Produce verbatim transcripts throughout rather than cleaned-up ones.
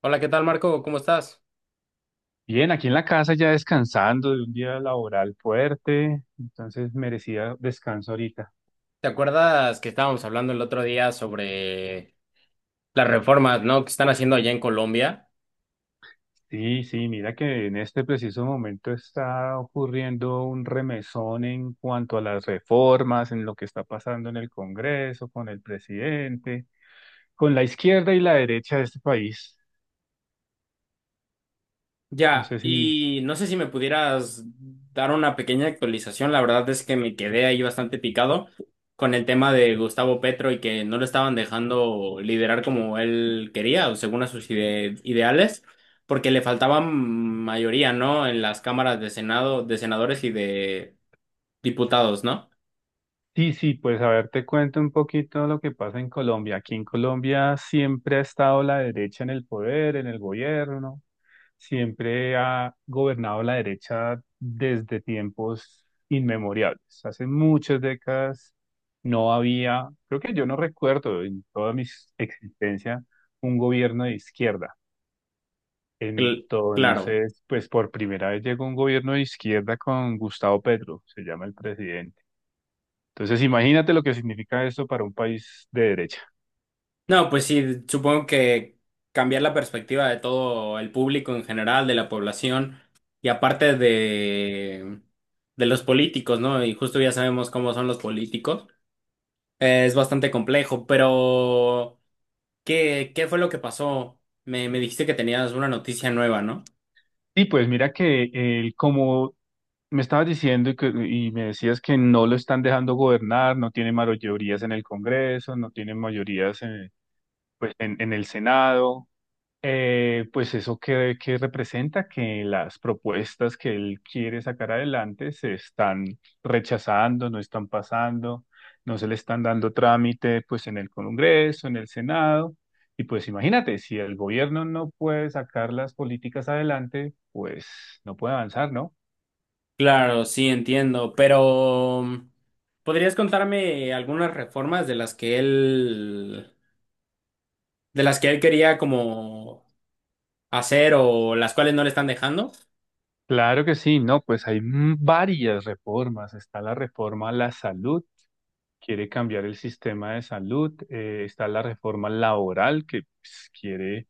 Hola, ¿qué tal, Marco? ¿Cómo estás? Bien, aquí en la casa ya descansando de un día laboral fuerte, entonces merecía descanso ahorita. ¿Te acuerdas que estábamos hablando el otro día sobre las reformas, ¿no? que están haciendo allá en Colombia? Sí, sí, mira que en este preciso momento está ocurriendo un remesón en cuanto a las reformas, en lo que está pasando en el Congreso, con el presidente, con la izquierda y la derecha de este país. No Ya, sé si... y no sé si me pudieras dar una pequeña actualización. La verdad es que me quedé ahí bastante picado con el tema de Gustavo Petro y que no lo estaban dejando liderar como él quería o según a sus ide- ideales, porque le faltaban mayoría, ¿no? En las cámaras de Senado, de senadores y de diputados, ¿no? Sí, sí, pues a ver, te cuento un poquito lo que pasa en Colombia. Aquí en Colombia siempre ha estado la derecha en el poder, en el gobierno. Siempre ha gobernado la derecha desde tiempos inmemoriales. Hace muchas décadas no había, creo que yo no recuerdo en toda mi existencia un gobierno de izquierda. Cl- claro. Entonces, pues por primera vez llegó un gobierno de izquierda con Gustavo Petro, se llama el presidente. Entonces, imagínate lo que significa esto para un país de derecha. No, pues sí, supongo que cambiar la perspectiva de todo el público en general, de la población y aparte de, de los políticos, ¿no? Y justo ya sabemos cómo son los políticos. Eh, es bastante complejo, pero ¿qué, ¿qué fue lo que pasó? Me, me dijiste que tenías una noticia nueva, ¿no? Y pues mira que el, como me estabas diciendo que, y me decías que no lo están dejando gobernar, no tiene mayorías en el Congreso, no tiene mayorías en, pues, en, en el Senado. Eh, pues eso que, que representa que las propuestas que él quiere sacar adelante se están rechazando, no están pasando, no se le están dando trámite pues en el Congreso, en el Senado. Y pues imagínate, si el gobierno no puede sacar las políticas adelante, pues no puede avanzar, ¿no? Claro, sí, entiendo, pero ¿podrías contarme algunas reformas de las que él, de las que él quería como hacer o las cuales no le están dejando? Claro que sí, no, pues hay m- varias reformas. Está la reforma a la salud, quiere cambiar el sistema de salud. Eh, está la reforma laboral, que pues, quiere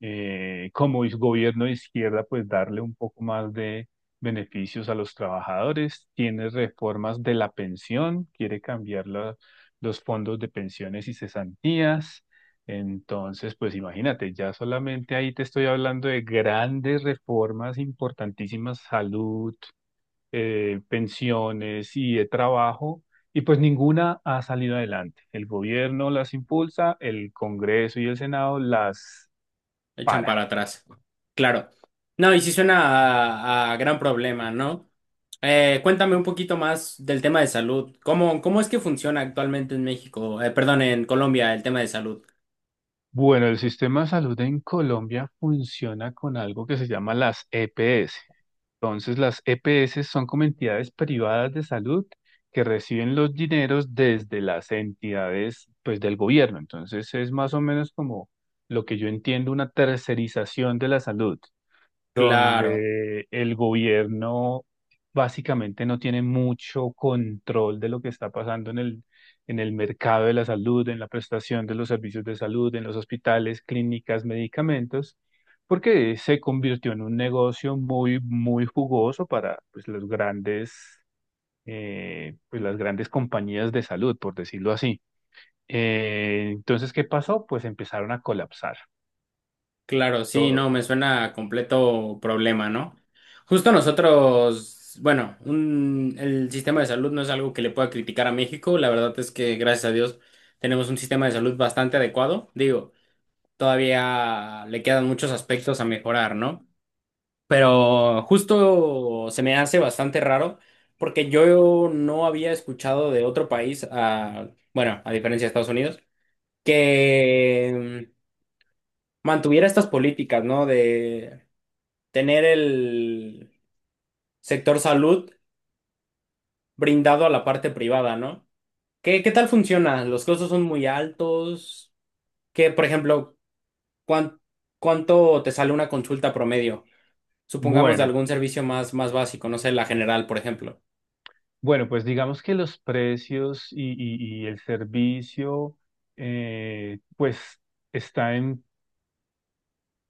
eh, como es gobierno de izquierda, pues darle un poco más de beneficios a los trabajadores. Tiene reformas de la pensión, quiere cambiar la- los fondos de pensiones y cesantías. Entonces, pues imagínate, ya solamente ahí te estoy hablando de grandes reformas importantísimas, salud, eh, pensiones y de trabajo. Y pues ninguna ha salido adelante. El gobierno las impulsa, el Congreso y el Senado las Echan para. para atrás. Claro. No, y sí suena a, a gran problema, ¿no? Eh, cuéntame un poquito más del tema de salud. ¿Cómo, ¿cómo es que funciona actualmente en México? Eh, perdón, en Colombia, el tema de salud. Bueno, el sistema de salud en Colombia funciona con algo que se llama las E P S. Entonces, las E P S son como entidades privadas de salud que reciben los dineros desde las entidades, pues, del gobierno. Entonces, es más o menos como lo que yo entiendo, una tercerización de la salud Claro, donde el gobierno básicamente no tiene mucho control de lo que está pasando en el, en el mercado de la salud, en la prestación de los servicios de salud, en los hospitales, clínicas, medicamentos, porque se convirtió en un negocio muy, muy jugoso para pues, los grandes, eh, pues, las grandes compañías de salud, por decirlo así. Eh, entonces, ¿qué pasó? Pues empezaron a colapsar. claro, sí, no, Todo. me suena a completo problema, ¿no? Justo nosotros, bueno, un- el sistema de salud no es algo que le pueda criticar a México. La verdad es que, gracias a Dios, tenemos un sistema de salud bastante adecuado. Digo, todavía le quedan muchos aspectos a mejorar, ¿no? Pero justo se me hace bastante raro porque yo no había escuchado de otro país, a, bueno, a diferencia de Estados Unidos, que mm, mantuviera estas políticas, ¿no? De tener el sector salud brindado a la parte privada, ¿no? ¿Qué, qué tal funciona? ¿Los costos son muy altos? ¿Qué, por ejemplo, cuán- cuánto te sale una consulta promedio? Supongamos de Bueno, algún servicio más, más básico, no sé, la general, por ejemplo. Bueno, pues digamos que los precios y, y- y el servicio, eh, pues está en,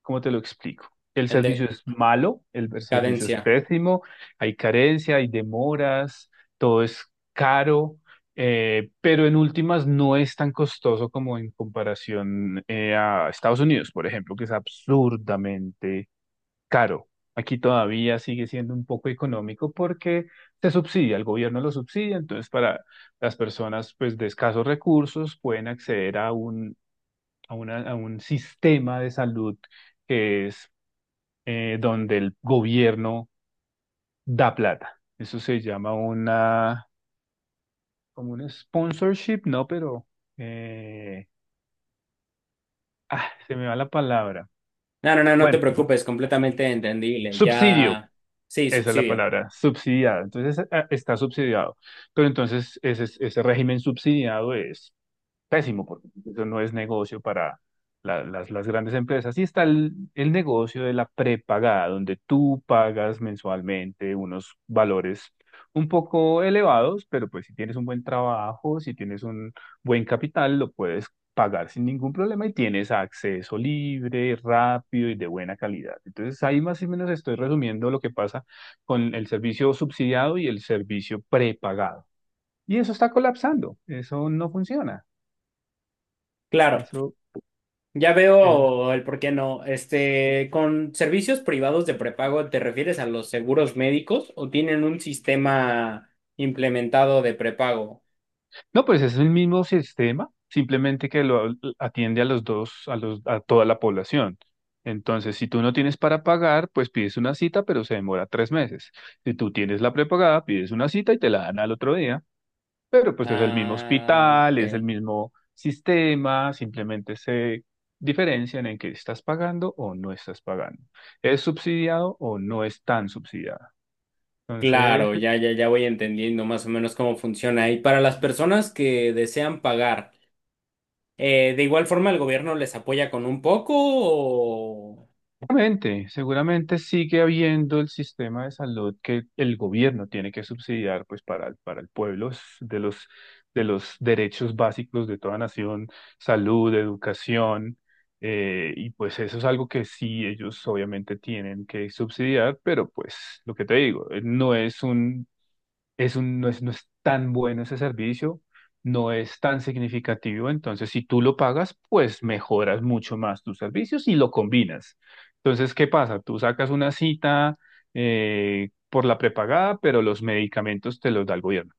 ¿cómo te lo explico? El servicio es malo, el, el servicio es Cadencia. pésimo, hay carencia, hay demoras, todo es caro, eh, pero en últimas no es tan costoso como en comparación eh, a Estados Unidos, por ejemplo, que es absurdamente caro. Aquí todavía sigue siendo un poco económico porque se subsidia, el gobierno lo subsidia, entonces para las personas pues de escasos recursos pueden acceder a un, a una- a un sistema de salud que es eh, donde el gobierno da plata. Eso se llama una, como un sponsorship, no, pero eh, ah, se me va la palabra. No, no, no, no te Bueno, preocupes, completamente entendible. subsidio. Ya, sí, Esa es la subsidio. palabra, subsidiada. Entonces a- está subsidiado. Pero entonces ese, ese régimen subsidiado es pésimo, porque pues, eso no es negocio para la- las, las grandes empresas. Y está el, el negocio de la prepagada, donde tú pagas mensualmente unos valores un poco elevados, pero pues si tienes un buen trabajo, si tienes un buen capital, lo puedes pagar sin ningún problema y tienes acceso libre, rápido y de buena calidad. Entonces ahí más o menos estoy resumiendo lo que pasa con el servicio subsidiado y el servicio prepagado. Y eso está colapsando, eso no funciona. Claro, Eso ya El- veo el por qué no. Este, con servicios privados de prepago, ¿te refieres a los seguros médicos o tienen un sistema implementado de prepago? No, pues es el mismo sistema, simplemente que lo atiende a los dos, a los, a toda la población. Entonces, si tú no tienes para pagar, pues pides una cita, pero se demora tres meses. Si tú tienes la prepagada, pides una cita y te la dan al otro día. Pero pues es el mismo Ah, hospital, es el ok. mismo sistema, simplemente se diferencian en que estás pagando o no estás pagando. ¿Es subsidiado o no es tan subsidiado? Entonces, Claro, ya, ya, ya voy entendiendo más o menos cómo funciona. Y para las personas que desean pagar, eh, ¿de igual forma el gobierno les apoya con un poco o... seguramente, seguramente sigue habiendo el sistema de salud que el gobierno tiene que subsidiar pues para, el- para el pueblo es de los, de los derechos básicos de toda nación, salud, educación, eh, y pues eso es algo que sí ellos obviamente tienen que subsidiar, pero pues lo que te digo, eh, no es un es un, no es, no es tan bueno ese servicio, no es tan significativo, entonces si tú lo pagas, pues mejoras mucho más tus servicios y lo combinas. Entonces, ¿qué pasa? Tú sacas una cita eh, por la prepagada, pero los medicamentos te los da el gobierno.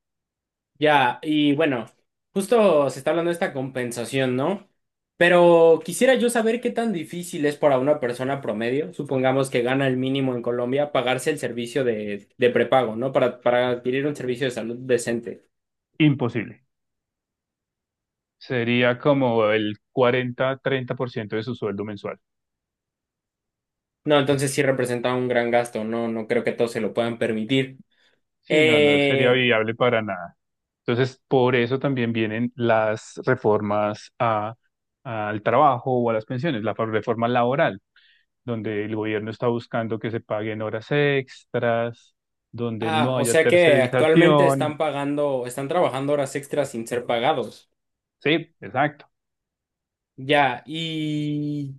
Ya, y bueno, justo se está hablando de esta compensación, ¿no? Pero quisiera yo saber qué tan difícil es para una persona promedio, supongamos que gana el mínimo en Colombia, pagarse el servicio de, de prepago, ¿no? Para, para adquirir un servicio de salud decente. Imposible. Sería como el cuarenta treinta por ciento de su sueldo mensual. No, entonces sí representa un gran gasto, no, no creo que todos se lo puedan permitir. Sí, no, no sería Eh, viable para nada. Entonces, por eso también vienen las reformas a- al trabajo o a las pensiones, la reforma laboral, donde el gobierno está buscando que se paguen horas extras, donde ah, no o haya sea que actualmente tercerización. están pagando, están trabajando horas extras sin ser pagados. Sí, exacto. Ya, y...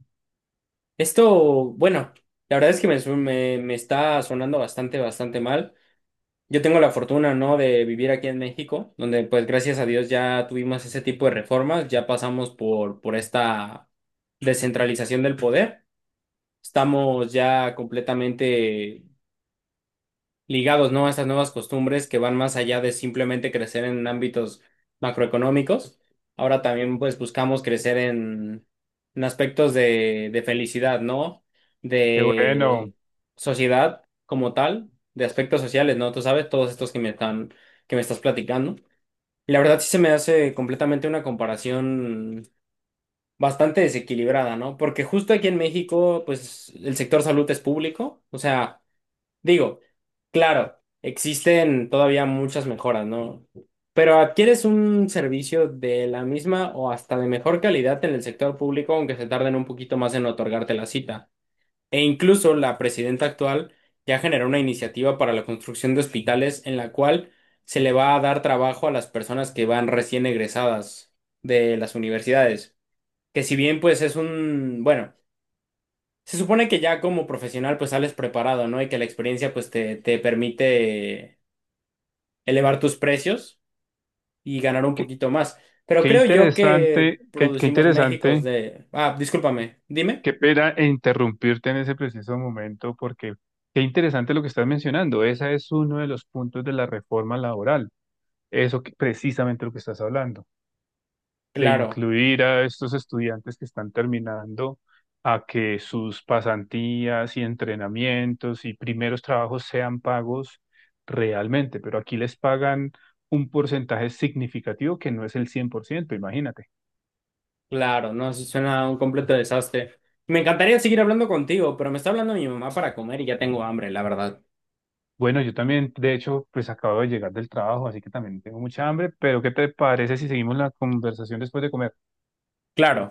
Esto, bueno, la verdad es que me, su- me, me está sonando bastante, bastante mal. Yo tengo la fortuna, ¿no?, de vivir aquí en México, donde pues gracias a Dios ya tuvimos ese tipo de reformas, ya pasamos por, por esta descentralización del poder. Estamos ya completamente ligados, ¿no? A estas nuevas costumbres que van más allá de simplemente crecer en ámbitos macroeconómicos. Ahora también, pues, buscamos crecer en, en aspectos de, de felicidad, ¿no? Qué bueno. De sociedad como tal, de aspectos sociales, ¿no? Tú sabes, todos estos que me están, que me estás platicando. Y la verdad sí se me hace completamente una comparación bastante desequilibrada, ¿no? Porque justo aquí en México, pues, el sector salud es público, o sea... Digo, claro, existen todavía muchas mejoras, ¿no? Pero adquieres un servicio de la misma o hasta de mejor calidad en el sector público, aunque se tarden un poquito más en otorgarte la cita. E incluso la presidenta actual ya generó una iniciativa para la construcción de hospitales en la cual se le va a dar trabajo a las personas que van recién egresadas de las universidades. Que si bien pues es un, bueno. Se supone que ya como profesional pues sales preparado, ¿no? Y que la experiencia pues te, te permite elevar tus precios y ganar un Qué, poquito más. Pero qué creo yo que interesante, qué, qué producimos México interesante. de... Ah, discúlpame, dime. Qué pena interrumpirte en ese preciso momento, porque qué interesante lo que estás mencionando. Ese es uno de los puntos de la reforma laboral. Eso que, precisamente lo que estás hablando. De Claro, incluir a estos estudiantes que están terminando a que sus pasantías y entrenamientos y primeros trabajos sean pagos realmente, pero aquí les pagan un porcentaje significativo que no es el cien por ciento, imagínate. claro, no, eso suena a un completo desastre. Me encantaría seguir hablando contigo, pero me está hablando mi mamá para comer y ya tengo hambre, la verdad. Bueno, yo también, de hecho, pues acabo de llegar del trabajo, así que también tengo mucha hambre, pero ¿qué te parece si seguimos la conversación después de comer? Claro.